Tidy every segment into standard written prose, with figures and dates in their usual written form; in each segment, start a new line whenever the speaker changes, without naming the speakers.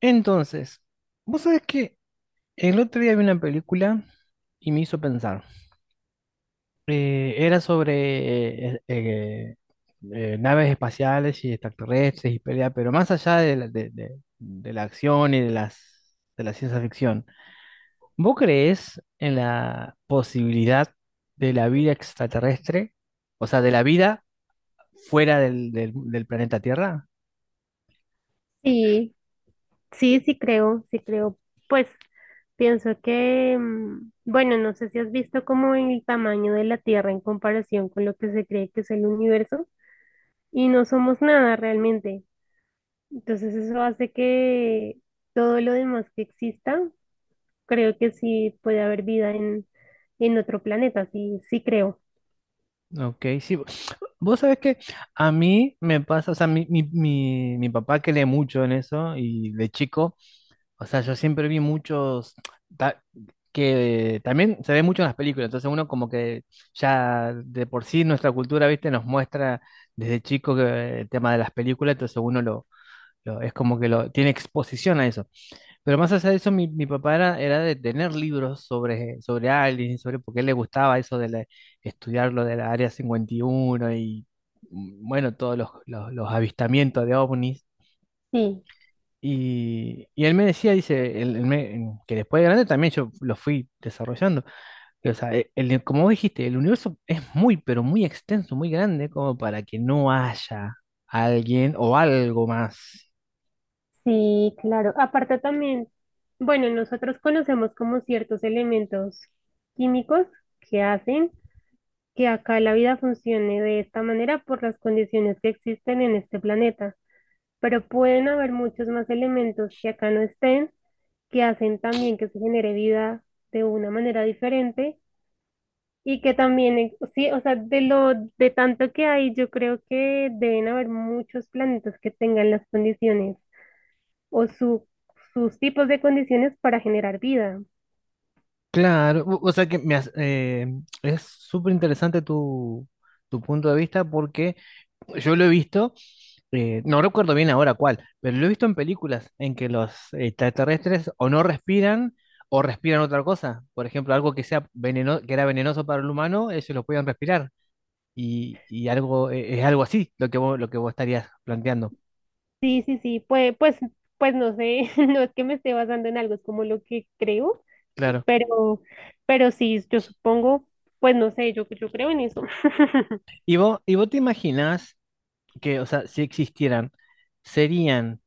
Entonces, vos sabés que el otro día vi una película y me hizo pensar. Era sobre naves espaciales y extraterrestres y pelea, pero más allá de de la acción y de de la ciencia ficción, ¿vos creés en la posibilidad de la vida extraterrestre? O sea, de la vida fuera del planeta Tierra.
Sí, sí, sí creo, sí creo. Pues pienso que, bueno, no sé si has visto como en el tamaño de la Tierra en comparación con lo que se cree que es el universo y no somos nada realmente. Entonces eso hace que todo lo demás que exista, creo que sí puede haber vida en otro planeta, sí, sí creo.
Ok, sí. Vos sabés que a mí me pasa, o sea, mi papá que lee mucho en eso y de chico, o sea, yo siempre vi muchos ta- que también se ve mucho en las películas, entonces uno como que ya de por sí nuestra cultura, viste, nos muestra desde chico que el tema de las películas, entonces uno es como que lo tiene exposición a eso. Pero más allá de eso, mi papá era de tener libros sobre aliens y sobre por qué le gustaba eso de estudiar lo de la Área 51 y uno y, bueno, todos los avistamientos de ovnis.
Sí,
Y él me decía, dice, que después de grande también yo lo fui desarrollando. Que, o sea, el, como vos dijiste, el universo es muy, pero muy extenso, muy grande, como para que no haya alguien o algo más.
sí, claro. Aparte también, bueno, nosotros conocemos como ciertos elementos químicos que hacen que acá la vida funcione de esta manera por las condiciones que existen en este planeta, pero pueden haber muchos más elementos que acá no estén, que hacen también que se genere vida de una manera diferente y que también, sí, o sea, de lo de tanto que hay, yo creo que deben haber muchos planetas que tengan las condiciones o sus tipos de condiciones para generar vida.
Claro, o sea que es súper interesante tu punto de vista porque yo lo he visto, no recuerdo bien ahora cuál, pero lo he visto en películas en que los extraterrestres o no respiran o respiran otra cosa. Por ejemplo, algo que sea veneno, que era venenoso para el humano, ellos lo podían respirar. Y algo, es algo así lo que vos estarías planteando.
Sí, sí, sí, pues no sé, no es que me esté basando en algo, es como lo que creo.
Claro.
Pero, pero sí, yo supongo, pues no sé, yo creo en eso.
¿Y vos te imaginás que, o sea, si existieran, serían?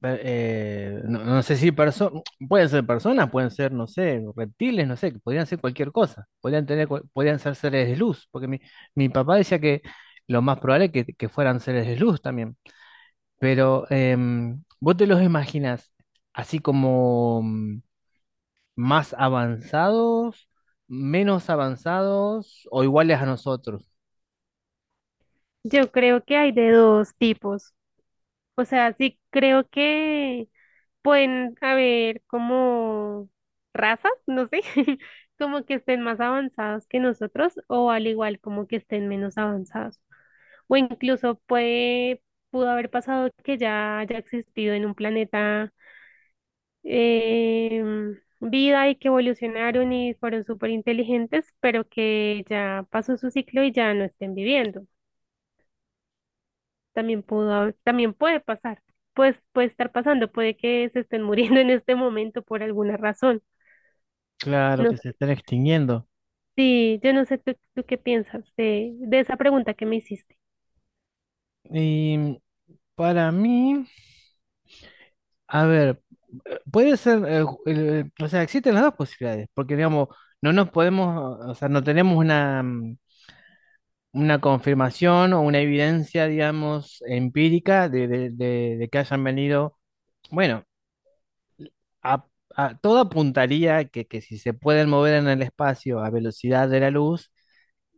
No, no sé si pueden ser personas, pueden ser, no sé, reptiles, no sé, que podrían ser cualquier cosa, podrían tener, podrían ser seres de luz, porque mi papá decía que lo más probable es que fueran seres de luz también, pero ¿vos te los imaginas así como más avanzados, menos avanzados o iguales a nosotros?
Yo creo que hay de dos tipos. O sea, sí creo que pueden haber como razas, no sé, como que estén más avanzados que nosotros o al igual como que estén menos avanzados. O incluso puede, pudo haber pasado que ya haya existido en un planeta vida y que evolucionaron y fueron súper inteligentes, pero que ya pasó su ciclo y ya no estén viviendo. También también puede pasar, pues puede estar pasando, puede que se estén muriendo en este momento por alguna razón.
Claro
No
que se
sé.
están extinguiendo.
Sí, yo no sé, tú qué piensas de esa pregunta que me hiciste.
Y para mí. A ver, puede ser, o sea, existen las dos posibilidades, porque digamos, no nos podemos, o sea, no tenemos una confirmación o una evidencia, digamos, empírica de que hayan venido. Bueno, a, todo apuntaría que si se pueden mover en el espacio a velocidad de la luz,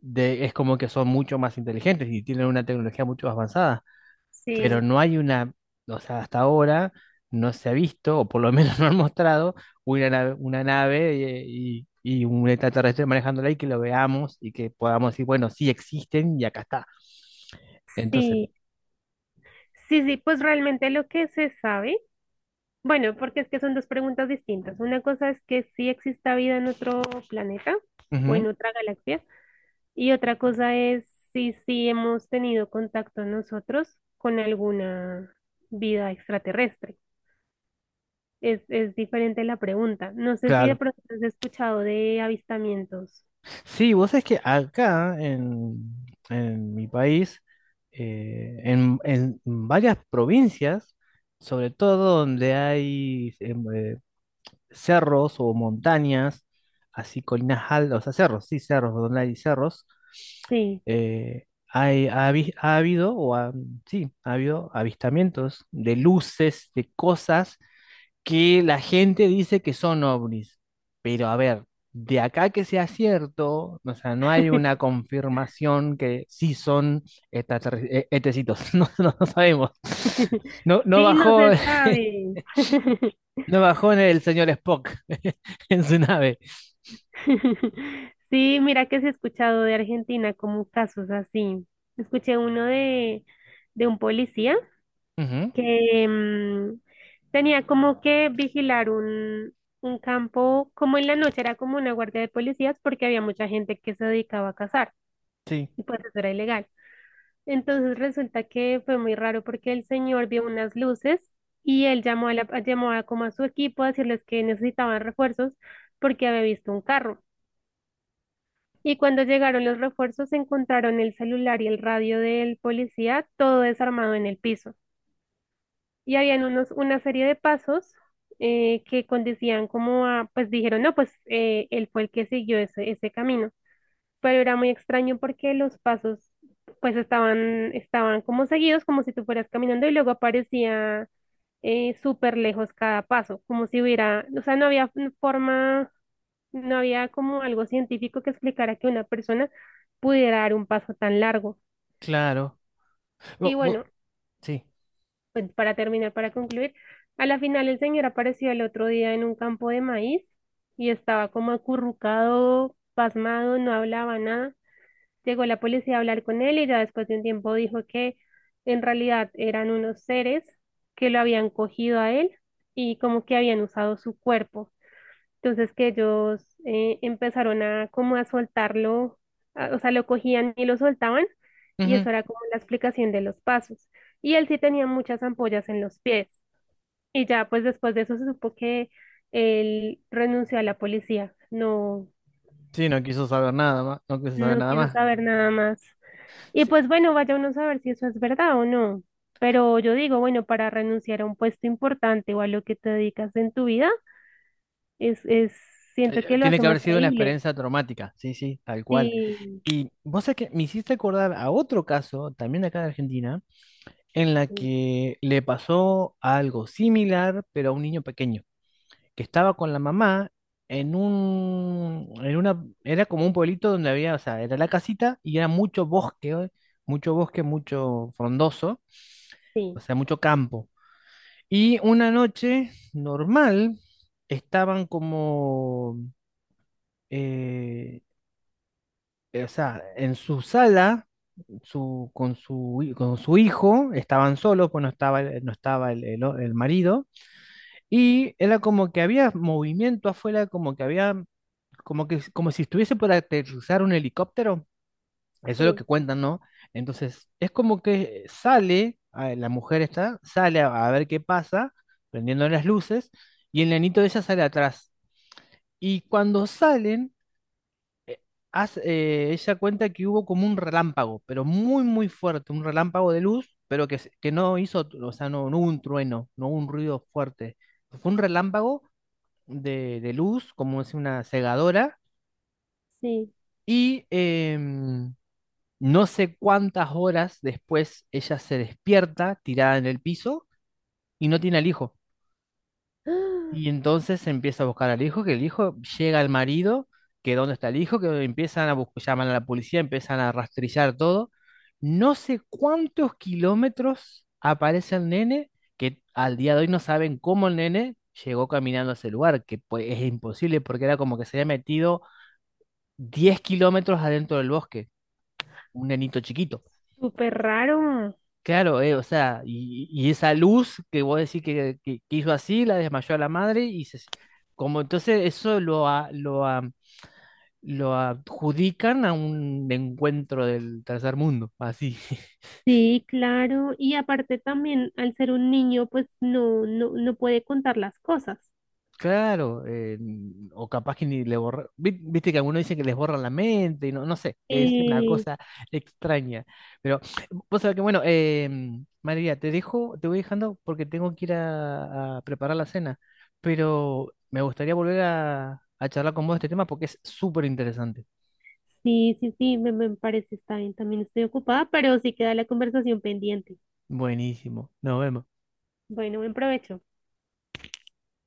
es como que son mucho más inteligentes y tienen una tecnología mucho más avanzada. Pero
Sí,
no hay una, o sea, hasta ahora no se ha visto, o por lo menos no han mostrado, una nave y un extraterrestre manejándola y que lo veamos y que podamos decir, bueno, sí existen y acá está. Entonces,
sí, sí, sí, pues realmente lo que se sabe. Bueno, porque es que son dos preguntas distintas. Una cosa es que sí exista vida en otro planeta o en
ujú,
otra galaxia, y otra cosa es si sí hemos tenido contacto nosotros con alguna vida extraterrestre. Es diferente la pregunta. No sé si de
claro.
pronto has escuchado de avistamientos.
Sí, vos sabés que acá en, mi país, en varias provincias, sobre todo donde hay cerros o montañas, así colinas altas, o sea, cerros, sí, cerros, donde hay cerros.
Sí,
Ha habido, sí, ha habido avistamientos de luces, de cosas que la gente dice que son ovnis. Pero a ver, de acá que sea cierto, o sea, no hay una confirmación que sí son etecitos, no, no, no sabemos. No, no
sí, no
bajó.
se sabe.
No bajó en el señor Spock en su nave.
Sí, mira que se ha escuchado de Argentina como casos así. Escuché uno de un policía
Ujú.
que tenía como que vigilar un campo, como en la noche era como una guardia de policías porque había mucha gente que se dedicaba a cazar
Sí,
y pues eso era ilegal. Entonces resulta que fue muy raro porque el señor vio unas luces y él llamó a como a su equipo a decirles que necesitaban refuerzos porque había visto un carro. Y cuando llegaron los refuerzos, encontraron el celular y el radio del policía, todo desarmado en el piso. Y habían unos, una serie de pasos que conducían como a, pues dijeron, no, pues él fue el que siguió ese camino. Pero era muy extraño porque los pasos, pues estaban, estaban como seguidos, como si tú fueras caminando y luego aparecía súper lejos cada paso, como si hubiera, o sea, no había forma, no había como algo científico que explicara que una persona pudiera dar un paso tan largo.
claro.
Y
Bo- bo-
bueno,
sí.
pues para terminar, para concluir, a la final el señor apareció el otro día en un campo de maíz y estaba como acurrucado, pasmado, no hablaba nada. Llegó la policía a hablar con él y ya después de un tiempo dijo que en realidad eran unos seres que lo habían cogido a él y como que habían usado su cuerpo. Entonces que ellos empezaron a como a soltarlo, o sea, lo cogían y lo soltaban y
Ujú.
eso era como la explicación de los pasos. Y él sí tenía muchas ampollas en los pies y ya pues después de eso se supo que él renunció a la policía, no,
Sí, no quiso saber nada más. No quiso saber
no
nada
quiso
más.
saber nada más. Y
Sí,
pues bueno, vaya uno a saber si eso es verdad o no. Pero yo digo, bueno, para renunciar a un puesto importante o a lo que te dedicas en tu vida, es, siento que lo
tiene
hace
que haber
más
sido una
creíble.
experiencia traumática. Sí, sí, tal cual.
Sí.
Y vos sabés que me hiciste acordar a otro caso, también de acá de Argentina, en la que le pasó algo similar, pero a un niño pequeño. Que estaba con la mamá en un, en una, era como un pueblito donde había, o sea, era la casita y era mucho bosque, ¿eh? Mucho bosque, mucho frondoso, o
Sí,
sea, mucho campo. Y una noche normal estaban como, eh, o sea, en su sala. Su, con su, hi- Con su hijo, estaban solos, pues no estaba, no estaba el marido, y era como que había movimiento afuera, como que había como que, como si estuviese por aterrizar un helicóptero. Eso es lo
sí,
que cuentan, ¿no? Entonces, es como que sale, la mujer sale a ver qué pasa, prendiendo las luces, y el nenito de ella sale atrás. Y cuando salen, ella cuenta que hubo como un relámpago, pero muy, muy fuerte, un relámpago de luz, pero que, que no hizo, o sea, no hubo un trueno, no hubo un ruido fuerte. Fue un relámpago de, luz, como es una cegadora,
sí.
y... em, no sé cuántas horas después ella se despierta tirada en el piso y no tiene al hijo.
¡Ah!
Y entonces empieza a buscar al hijo, que el hijo llega al marido, que dónde está el hijo, que empiezan a buscar, llaman a la policía, empiezan a rastrillar todo. No sé cuántos kilómetros aparece el nene, que al día de hoy no saben cómo el nene llegó caminando a ese lugar, que pues, es imposible porque era como que se había metido 10 kilómetros adentro del bosque, un nenito chiquito.
Súper raro.
Claro, o sea, y esa luz que vos decís que hizo así, la desmayó a la madre y como entonces eso lo adjudican a un encuentro del tercer mundo, así.
Sí, claro. Y aparte también, al ser un niño, pues no, no, no puede contar las cosas.
Claro, o capaz que ni le borra. Viste que algunos dicen que les borran la mente, y no sé, es una
Eh,
cosa extraña. Pero vos sabés que, bueno, María, te dejo, te voy dejando porque tengo que ir a preparar la cena. Pero me gustaría volver a charlar con vos de este tema porque es súper interesante.
sí, sí, sí, me parece está bien. También estoy ocupada, pero sí queda la conversación pendiente.
Buenísimo, nos vemos.
Bueno, buen provecho.